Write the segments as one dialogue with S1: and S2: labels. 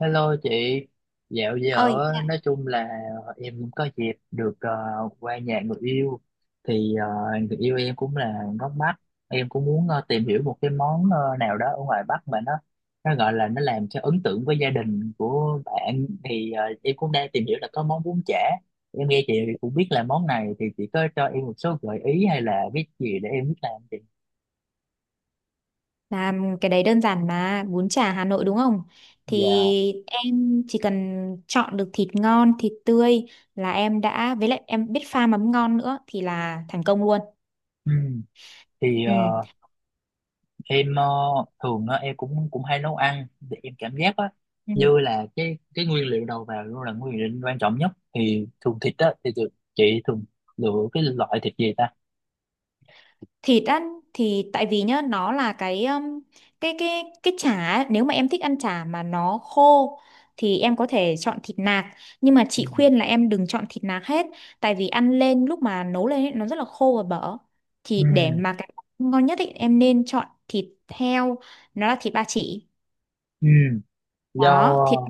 S1: Hello chị, dạo
S2: Ơi,
S1: giờ á, nói chung là em cũng có dịp được qua nhà người yêu, thì người yêu em cũng là gốc Bắc, em cũng muốn tìm hiểu một cái món nào đó ở ngoài Bắc mà nó gọi là nó làm cho ấn tượng với gia đình của bạn, thì em cũng đang tìm hiểu là có món bún chả. Em nghe chị cũng biết là món này, thì chị có cho em một số gợi ý hay là biết gì để em biết làm chị.
S2: làm cái đấy đơn giản mà. Bún chả Hà Nội đúng không?
S1: Dạ.
S2: Thì em chỉ cần chọn được thịt ngon, thịt tươi là em đã, với lại em biết pha mắm ngon nữa thì là thành công luôn.
S1: Ừ. Thì
S2: Ừ.
S1: em ờ, thường á, em cũng cũng hay nấu ăn thì em cảm giác á,
S2: Ừ.
S1: như là cái nguyên liệu đầu vào luôn là nguyên liệu quan trọng nhất, thì thường thịt á thì thường, chị thường lựa cái loại thịt gì ta.
S2: Thịt ăn thì tại vì nhá, nó là cái cái cái cái chả ấy, nếu mà em thích ăn chả mà nó khô thì em có thể chọn thịt nạc, nhưng mà
S1: Ừ.
S2: chị khuyên là em đừng chọn thịt nạc hết, tại vì ăn lên lúc mà nấu lên ấy, nó rất là khô và bở.
S1: Ừ.
S2: Thì để mà cái ngon nhất ấy, em nên chọn thịt heo, nó là thịt ba chỉ
S1: Ừ. Do.
S2: đó. thịt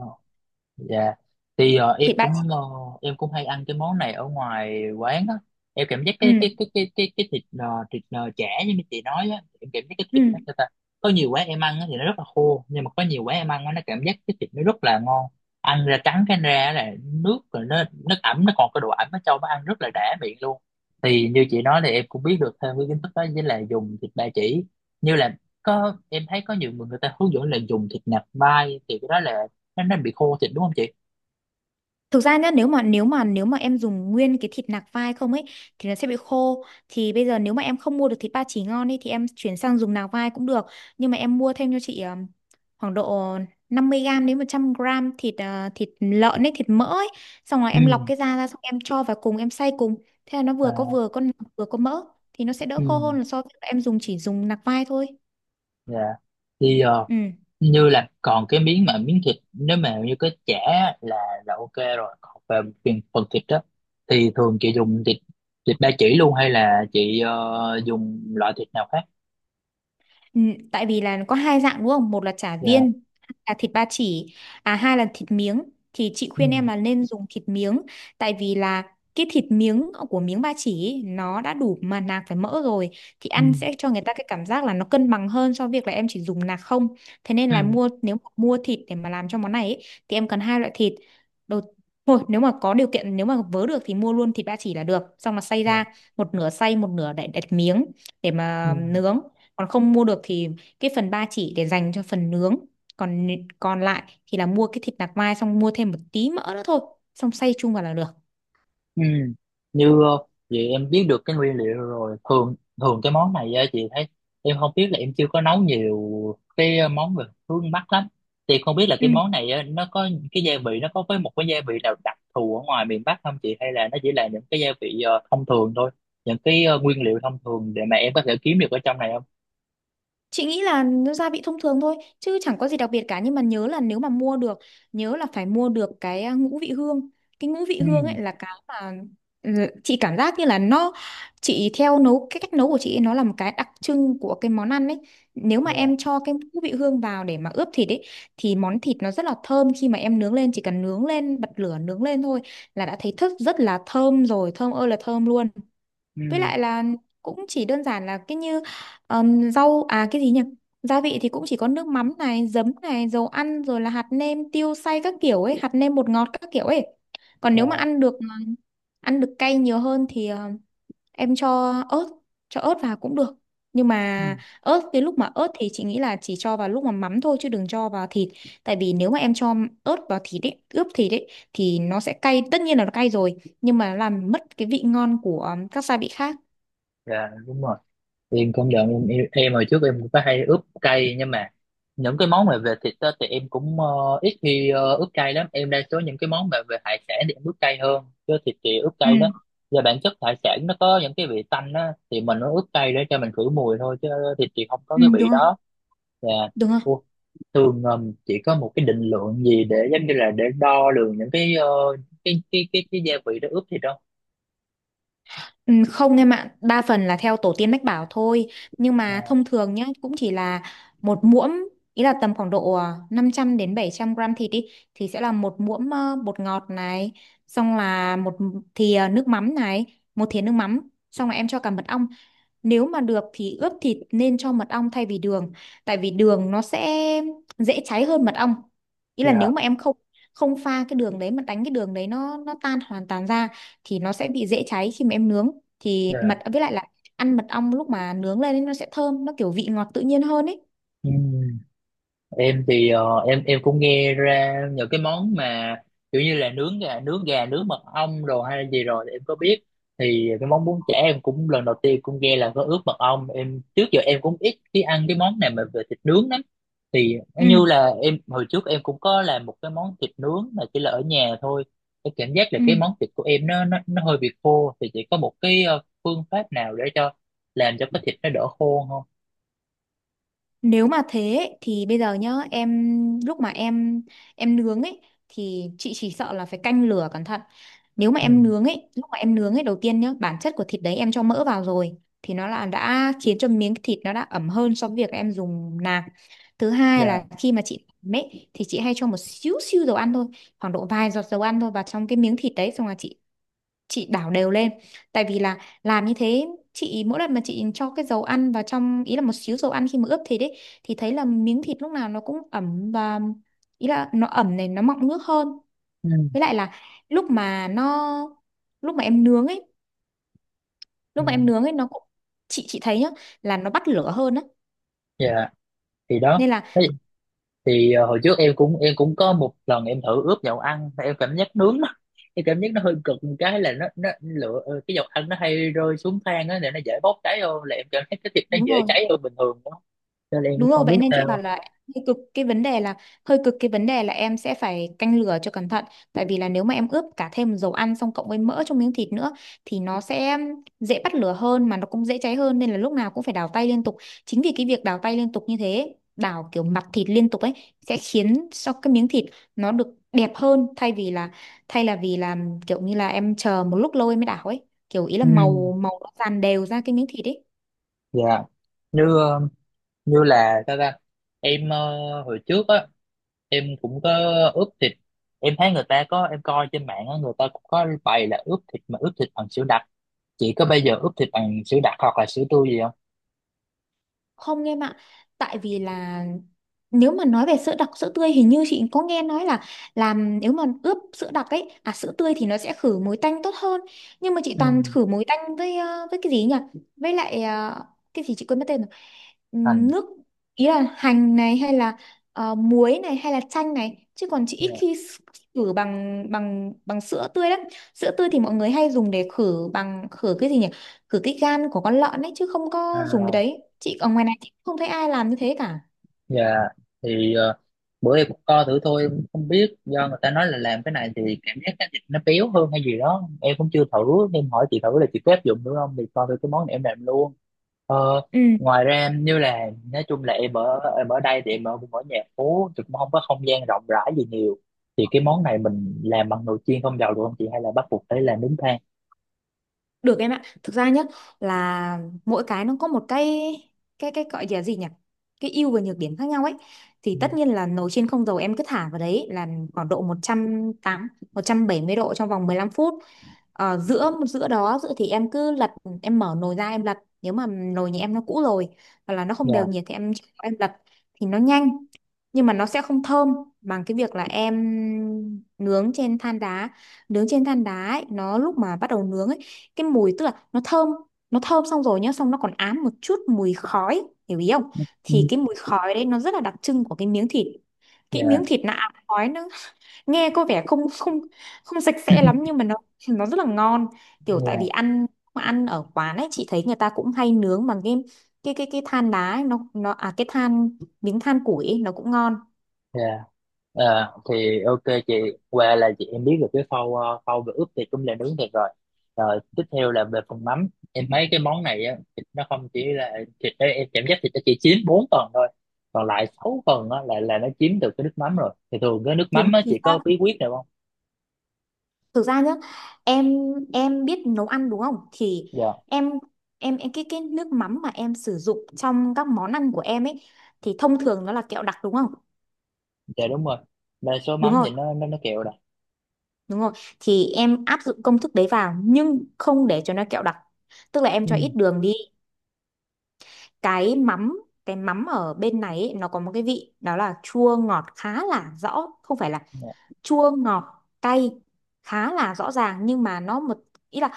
S1: Dạ. Thì em
S2: thịt ba chỉ.
S1: cũng hay ăn cái món này ở ngoài quán á. Em cảm giác cái
S2: Ừ,
S1: cái cái cái cái cái thịt chả, như mấy chị nói á, em cảm giác cái thịt
S2: ừ.
S1: nó sao ta. Có nhiều quán em ăn á thì nó rất là khô, nhưng mà có nhiều quán em ăn á nó cảm giác cái thịt nó rất là ngon. Ăn ra trắng cái ra là nước rồi, nó ẩm, nó còn cái độ ẩm ở trong, nó ăn rất là đã miệng luôn. Thì như chị nói thì em cũng biết được thêm cái kiến thức đó với là dùng thịt ba chỉ. Như là, có em thấy có nhiều người người ta hướng dẫn là dùng thịt nạc vai, thì cái đó là nó bị khô thịt đúng không chị.
S2: Thực ra nhá, nếu mà em dùng nguyên cái thịt nạc vai không ấy thì nó sẽ bị khô. Thì bây giờ nếu mà em không mua được thịt ba chỉ ngon ấy thì em chuyển sang dùng nạc vai cũng được. Nhưng mà em mua thêm cho chị khoảng độ 50 gram đến 100 gram thịt thịt lợn ấy, thịt mỡ ấy, xong rồi em
S1: Ừ.
S2: lọc cái da ra, xong em cho vào cùng, em xay cùng. Thế là nó vừa có
S1: À,
S2: vừa có nạc, vừa có mỡ, thì nó sẽ đỡ
S1: ừ.
S2: khô hơn là so với em dùng chỉ dùng nạc vai thôi.
S1: Dạ, thì
S2: Ừ.
S1: như là còn cái miếng, mà miếng thịt nếu mà như cái chả là là ok rồi, còn về phần thịt đó thì thường chị dùng thịt thịt ba chỉ luôn hay là chị dùng loại thịt nào khác.
S2: Ừ, tại vì là có hai dạng đúng không? Một là chả
S1: Dạ.
S2: viên, là thịt ba chỉ, à hai là thịt miếng. Thì chị
S1: Ừ.
S2: khuyên em là nên dùng thịt miếng, tại vì là cái thịt miếng của miếng ba chỉ ý, nó đã đủ mà nạc phải mỡ rồi, thì
S1: Ừ.
S2: ăn sẽ cho người ta cái cảm giác là nó cân bằng hơn so với việc là em chỉ dùng nạc không. Thế nên là
S1: Ừ.
S2: mua, nếu mà mua thịt để mà làm cho món này ý, thì em cần hai loại thịt. Đầu thôi, nếu mà có điều kiện, nếu mà vớ được thì mua luôn thịt ba chỉ là được, xong là xay ra
S1: Dạ.
S2: một nửa, xay một nửa để đặt miếng để
S1: Ừ.
S2: mà nướng. Còn không mua được thì cái phần ba chỉ để dành cho phần nướng, còn còn lại thì là mua cái thịt nạc mai, xong mua thêm một tí mỡ nữa thôi, xong xay chung vào là được.
S1: Ừ. Như vậy em biết được cái nguyên liệu rồi. Thường thường cái món này á, chị thấy, em không biết là em chưa có nấu nhiều cái món về hướng Bắc lắm, thì không biết là
S2: Ừ.
S1: cái món này á, nó có cái gia vị, nó có với một cái gia vị nào đặc thù ở ngoài miền Bắc không chị, hay là nó chỉ là những cái gia vị thông thường thôi, những cái nguyên liệu thông thường để mà em có thể kiếm được ở trong này không.
S2: Chị nghĩ là nó gia vị thông thường thôi chứ chẳng có gì đặc biệt cả, nhưng mà nhớ là nếu mà mua được, nhớ là phải mua được cái à, ngũ vị hương. Cái ngũ vị
S1: Ừ.
S2: hương ấy là cái mà ừ, chị cảm giác như là nó, chị theo nấu cái cách nấu của chị ấy, nó là một cái đặc trưng của cái món ăn ấy. Nếu mà em
S1: Dạ,
S2: cho cái ngũ vị hương vào để mà ướp thịt ấy thì món thịt nó rất là thơm. Khi mà em nướng lên, chỉ cần nướng lên, bật lửa nướng lên thôi là đã thấy thức rất là thơm rồi, thơm ơi là thơm luôn. Với
S1: ừ.
S2: lại là cũng chỉ đơn giản là cái như rau à, cái gì nhỉ? Gia vị thì cũng chỉ có nước mắm này, giấm này, dầu ăn rồi là hạt nêm, tiêu xay các kiểu ấy, hạt nêm bột ngọt các kiểu ấy. Còn
S1: Dạ,
S2: nếu mà ăn được ăn được cay nhiều hơn thì em cho ớt vào cũng được. Nhưng
S1: ừ.
S2: mà ớt, cái lúc mà ớt thì chị nghĩ là chỉ cho vào lúc mà mắm thôi, chứ đừng cho vào thịt. Tại vì nếu mà em cho ớt vào thịt ấy, ướp thịt ấy thì nó sẽ cay, tất nhiên là nó cay rồi, nhưng mà làm mất cái vị ngon của các gia vị khác.
S1: Dạ, đúng rồi. Thì em công nhận em, em hồi trước em cũng có hay ướp cay, nhưng mà những cái món mà về thịt á, thì em cũng ít khi ướp cay lắm, em đa số những cái món mà về hải sản thì em ướp cay hơn, chứ thịt thì ướp
S2: Ừ,
S1: cay đó, và bản chất hải sản nó có những cái vị tanh á, thì mình nó ướp cay để cho mình khử mùi thôi, chứ thịt thì không có
S2: ừ,
S1: cái vị
S2: đúng rồi,
S1: đó. Và
S2: đúng rồi.
S1: ô, thường chỉ có một cái định lượng gì để giống như là để đo lường những cái gia vị đó ướp thịt đâu.
S2: Ừ, không em ạ, đa phần là theo tổ tiên mách bảo thôi. Nhưng mà
S1: Dạ.
S2: thông thường nhá, cũng chỉ là một muỗng, ý là tầm khoảng độ à, 500 đến 700 gram thịt đi, thì sẽ là một muỗng bột ngọt này, xong là một thìa nước mắm này, một thìa nước mắm, xong là em cho cả mật ong. Nếu mà được thì ướp thịt nên cho mật ong thay vì đường, tại vì đường nó sẽ dễ cháy hơn mật ong. Ý là nếu
S1: Dạ.
S2: mà em không không pha cái đường đấy, mà đánh cái đường đấy nó tan hoàn toàn ra thì nó sẽ bị dễ cháy khi mà em nướng. Thì
S1: Dạ.
S2: mật với lại là ăn mật ong lúc mà nướng lên ấy, nó sẽ thơm, nó kiểu vị ngọt tự nhiên hơn ấy.
S1: Ừ. Em thì em cũng nghe ra nhờ cái món mà kiểu như là nướng gà nướng mật ong rồi hay là gì rồi thì em có biết, thì cái món bún chả em cũng lần đầu tiên cũng nghe là có ướp mật ong, em trước giờ em cũng ít khi ăn cái món này mà về thịt nướng lắm, thì nó
S2: Ừ,
S1: như là em hồi trước em cũng có làm một cái món thịt nướng mà chỉ là ở nhà thôi, cái cảm giác là
S2: ừ.
S1: cái món thịt của em nó hơi bị khô, thì chỉ có một cái phương pháp nào để cho làm cho cái thịt nó đỡ khô không.
S2: Nếu mà thế ấy, thì bây giờ nhá, em lúc mà em nướng ấy thì chị chỉ sợ là phải canh lửa cẩn thận. Nếu mà
S1: Ừ.
S2: em nướng ấy, lúc mà em nướng ấy đầu tiên nhá, bản chất của thịt đấy em cho mỡ vào rồi, thì nó là đã khiến cho miếng thịt nó đã ẩm hơn so với việc em dùng nạc. Thứ hai
S1: Dạ.
S2: là khi mà chị làm ấy thì chị hay cho một xíu xíu dầu ăn thôi, khoảng độ vài giọt dầu ăn thôi vào trong cái miếng thịt đấy, xong là chị đảo đều lên, tại vì là làm như thế. Chị mỗi lần mà chị cho cái dầu ăn vào trong ý là một xíu dầu ăn khi mà ướp thịt ấy thì thấy là miếng thịt lúc nào nó cũng ẩm và ý là nó ẩm này, nó mọng nước hơn. Với
S1: Ừ.
S2: lại là lúc mà nó, lúc mà em nướng ấy,
S1: Ừ.
S2: lúc mà em nướng ấy nó cũng, chị thấy nhá, là nó bắt lửa hơn á,
S1: Dạ, thì đó,
S2: nên là
S1: thế thì hồi trước em cũng có một lần em thử ướp dầu ăn mà em cảm giác nướng nó, em cảm giác nó hơi cực một cái là nó lửa cái dầu ăn nó hay rơi xuống than á để nó dễ bốc cháy, hơn là em cảm thấy cái thịt nó
S2: đúng
S1: dễ
S2: rồi.
S1: cháy hơn bình thường đó, cho nên em cũng
S2: Đúng rồi,
S1: không
S2: vậy
S1: biết
S2: nên chị bảo
S1: sao.
S2: là hơi cực. Cái vấn đề là hơi cực. Cái vấn đề là em sẽ phải canh lửa cho cẩn thận, tại vì là nếu mà em ướp cả thêm dầu ăn xong cộng với mỡ trong miếng thịt nữa thì nó sẽ dễ bắt lửa hơn mà nó cũng dễ cháy hơn, nên là lúc nào cũng phải đảo tay liên tục. Chính vì cái việc đảo tay liên tục như thế, đảo kiểu mặt thịt liên tục ấy, sẽ khiến cho cái miếng thịt nó được đẹp hơn, thay vì là thay là vì là kiểu như là em chờ một lúc lâu em mới đảo ấy, kiểu ý là
S1: Ừ.
S2: màu màu nó dàn đều ra cái miếng thịt ấy.
S1: Dạ. như ờ, Như là sao ta, em hồi trước á em cũng có ướp thịt, em thấy người ta có, em coi trên mạng á, người ta cũng có bày là ướp thịt, mà ướp thịt bằng sữa đặc, chỉ có bây giờ ướp thịt bằng sữa đặc hoặc là sữa tươi gì.
S2: Không em ạ, tại vì là nếu mà nói về sữa đặc, sữa tươi, hình như chị có nghe nói là làm, nếu mà ướp sữa đặc ấy à, sữa tươi thì nó sẽ khử mùi tanh tốt hơn, nhưng mà chị
S1: Ừ.
S2: toàn khử mùi tanh với với cái gì nhỉ, với lại cái gì chị quên mất tên rồi.
S1: Thành.
S2: Nước, ý là hành này hay là muối này hay là chanh này, chứ còn chị ít
S1: Dạ.
S2: khi s- khử bằng bằng bằng sữa tươi lắm. Sữa tươi thì mọi người hay dùng để khử bằng, khử cái gì nhỉ, khử cái gan của con lợn ấy, chứ không có dùng cái
S1: À,
S2: đấy. Chị ở ngoài này chị không thấy ai làm như thế cả.
S1: dạ, thì bữa em cũng co thử thôi, em cũng không biết do người ta nói là làm cái này thì cảm giác cái thịt nó béo hơn hay gì đó, em cũng chưa thử nên hỏi chị thử là chị có áp dụng được không thì coi thử cái món này em làm luôn. Ờ,
S2: Ừ.
S1: ngoài ra em như là nói chung là em ở đây thì cũng ở nhà phố thì cũng không có không gian rộng rãi gì nhiều, thì cái món này mình làm bằng nồi chiên không dầu được không chị, hay là bắt buộc phải làm nướng than.
S2: Được em ạ. Thực ra nhá, là mỗi cái nó có một cái gọi là gì nhỉ? Cái ưu và nhược điểm khác nhau ấy. Thì
S1: Ừ.
S2: tất nhiên là nồi chiên không dầu em cứ thả vào đấy là khoảng độ một một trăm, trăm tám, một trăm bảy mươi độ trong vòng 15 phút. Ờ, giữa giữa đó giữa thì em cứ lật, em mở nồi ra em lật, nếu mà nồi nhà em nó cũ rồi hoặc là nó không đều
S1: Dạ.
S2: nhiệt thì em lật, thì nó nhanh nhưng mà nó sẽ không thơm bằng cái việc là em nướng trên than đá. Nướng trên than đá ấy, nó lúc mà bắt đầu nướng ấy, cái mùi tức là nó thơm, nó thơm xong rồi nhá, xong nó còn ám một chút mùi khói, hiểu ý không?
S1: Ừ.
S2: Thì cái mùi khói đấy nó rất là đặc trưng của cái miếng thịt. Cái miếng
S1: Dạ.
S2: thịt nó ám khói, nó nghe có vẻ không không không sạch sẽ lắm, nhưng mà nó rất là ngon. Kiểu tại vì
S1: Dạ.
S2: ăn, ăn ở quán ấy, chị thấy người ta cũng hay nướng bằng cái cái than đá ấy, nó à, cái than miếng, than củi ấy, nó cũng ngon.
S1: Dạ. Ờ, thì ok chị, qua là chị em biết được cái khâu về ướp thịt cũng là nướng thịt rồi, rồi tiếp theo là về phần mắm. Em thấy cái món này á, thịt nó không chỉ là thịt đấy, em cảm giác thịt nó chỉ chiếm 4 phần thôi, còn lại 6 phần á là nó chiếm được cái nước mắm, rồi thì thường cái nước
S2: Đúng
S1: mắm á
S2: thì
S1: chị có bí quyết nào không.
S2: thực ra nhá, em em biết nấu ăn đúng không, thì
S1: Dạ.
S2: em em cái nước mắm mà em sử dụng trong các món ăn của em ấy thì thông thường nó là kẹo đặc đúng không?
S1: Dạ, đúng rồi, đa số
S2: Đúng
S1: mắm
S2: rồi,
S1: thì nó kẹo rồi.
S2: đúng rồi, thì em áp dụng công thức đấy vào nhưng không để cho nó kẹo đặc, tức là em cho
S1: Ừ.
S2: ít đường đi. Cái mắm, cái mắm ở bên này ấy, nó có một cái vị đó là chua ngọt khá là rõ, không phải là
S1: Dạ.
S2: chua ngọt cay, khá là rõ ràng, nhưng mà nó một, ý là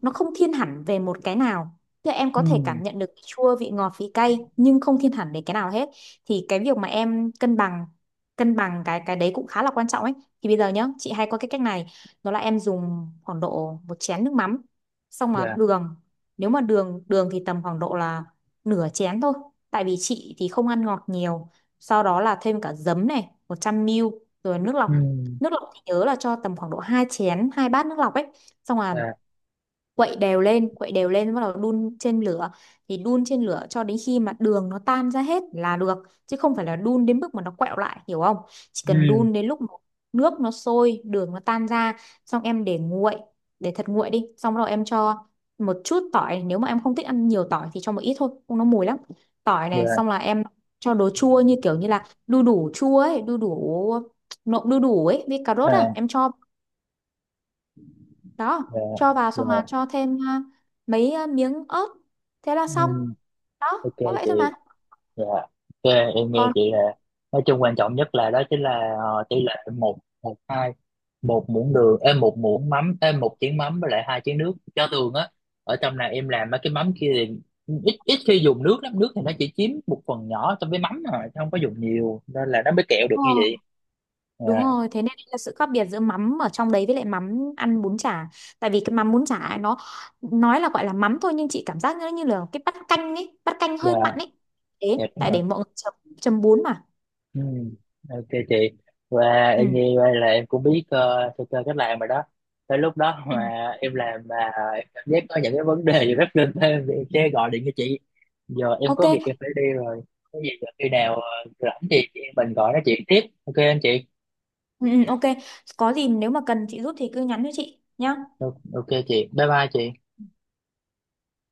S2: nó không thiên hẳn về một cái nào, thì em
S1: Ừ.
S2: có thể cảm nhận được vị chua, vị ngọt, vị cay, nhưng không thiên hẳn đến cái nào hết. Thì cái việc mà em cân bằng, cân bằng cái đấy cũng khá là quan trọng ấy. Thì bây giờ nhá, chị hay có cái cách này, đó là em dùng khoảng độ một chén nước mắm, xong mà
S1: Dạ.
S2: đường, nếu mà đường đường thì tầm khoảng độ là nửa chén thôi, tại vì chị thì không ăn ngọt nhiều. Sau đó là thêm cả giấm này, 100 ml, rồi nước lọc.
S1: Ừ.
S2: Nước lọc thì nhớ là cho tầm khoảng độ 2 chén, hai bát nước lọc ấy, xong là
S1: Dạ.
S2: quậy đều lên, quậy đều lên, bắt đầu đun trên lửa. Thì đun trên lửa cho đến khi mà đường nó tan ra hết là được, chứ không phải là đun đến mức mà nó quẹo lại, hiểu không? Chỉ cần
S1: Ừ.
S2: đun đến lúc mà nước nó sôi, đường nó tan ra, xong em để nguội, để thật nguội đi, xong rồi em cho một chút tỏi, nếu mà em không thích ăn nhiều tỏi thì cho một ít thôi, không nó mùi lắm. Tỏi này,
S1: Dạ.
S2: xong là em cho đồ chua như kiểu như là đu đủ chua ấy, đu đủ, nộm đu đủ ấy với cà rốt, à
S1: À.
S2: em cho đó,
S1: Dạ.
S2: cho vào
S1: Dạ.
S2: xong là cho thêm à, mấy à, miếng ớt, thế là xong
S1: Ừ.
S2: đó,
S1: Ok
S2: có vậy
S1: chị.
S2: thôi mà.
S1: Dạ, ok, em nghe
S2: Còn
S1: chị là nói chung quan trọng nhất là đó chính là tỷ lệ 1:1:2, một muỗng đường, em một muỗng mắm, em một chén mắm với lại hai chén nước. Cho thường á, ở trong này em làm mấy cái mắm kia thì ít, ít khi dùng nước lắm, nước thì nó chỉ chiếm một phần nhỏ trong cái mắm thôi chứ không có dùng nhiều, nên là nó mới kẹo
S2: đúng
S1: được như
S2: rồi,
S1: vậy.
S2: đúng
S1: Dạ.
S2: rồi. Thế nên là sự khác biệt giữa mắm ở trong đấy với lại mắm ăn bún chả, tại vì cái mắm bún chả ấy, nó nói là gọi là mắm thôi nhưng chị cảm giác nó như là cái bát canh ấy, bát canh hơi mặn
S1: Dạ.
S2: ấy. Thế,
S1: Dạ, đúng
S2: tại
S1: rồi.
S2: để mọi người chấm, chấm bún mà.
S1: Ừ, ok chị, và
S2: Ừ.
S1: em nghe vậy là em cũng biết sơ sơ cách làm rồi đó, tới lúc đó
S2: Ừ.
S1: mà em làm mà em cảm giác có những cái vấn đề gì rất linh thêm thì em sẽ gọi điện cho chị. Giờ em
S2: ok
S1: có việc em phải đi rồi, cái gì giờ khi nào rảnh thì chị em mình gọi nói chuyện tiếp, ok anh chị.
S2: ừ, ừ, ok có gì nếu mà cần chị giúp thì cứ nhắn cho chị nhá.
S1: Ok, ok chị, bye bye chị.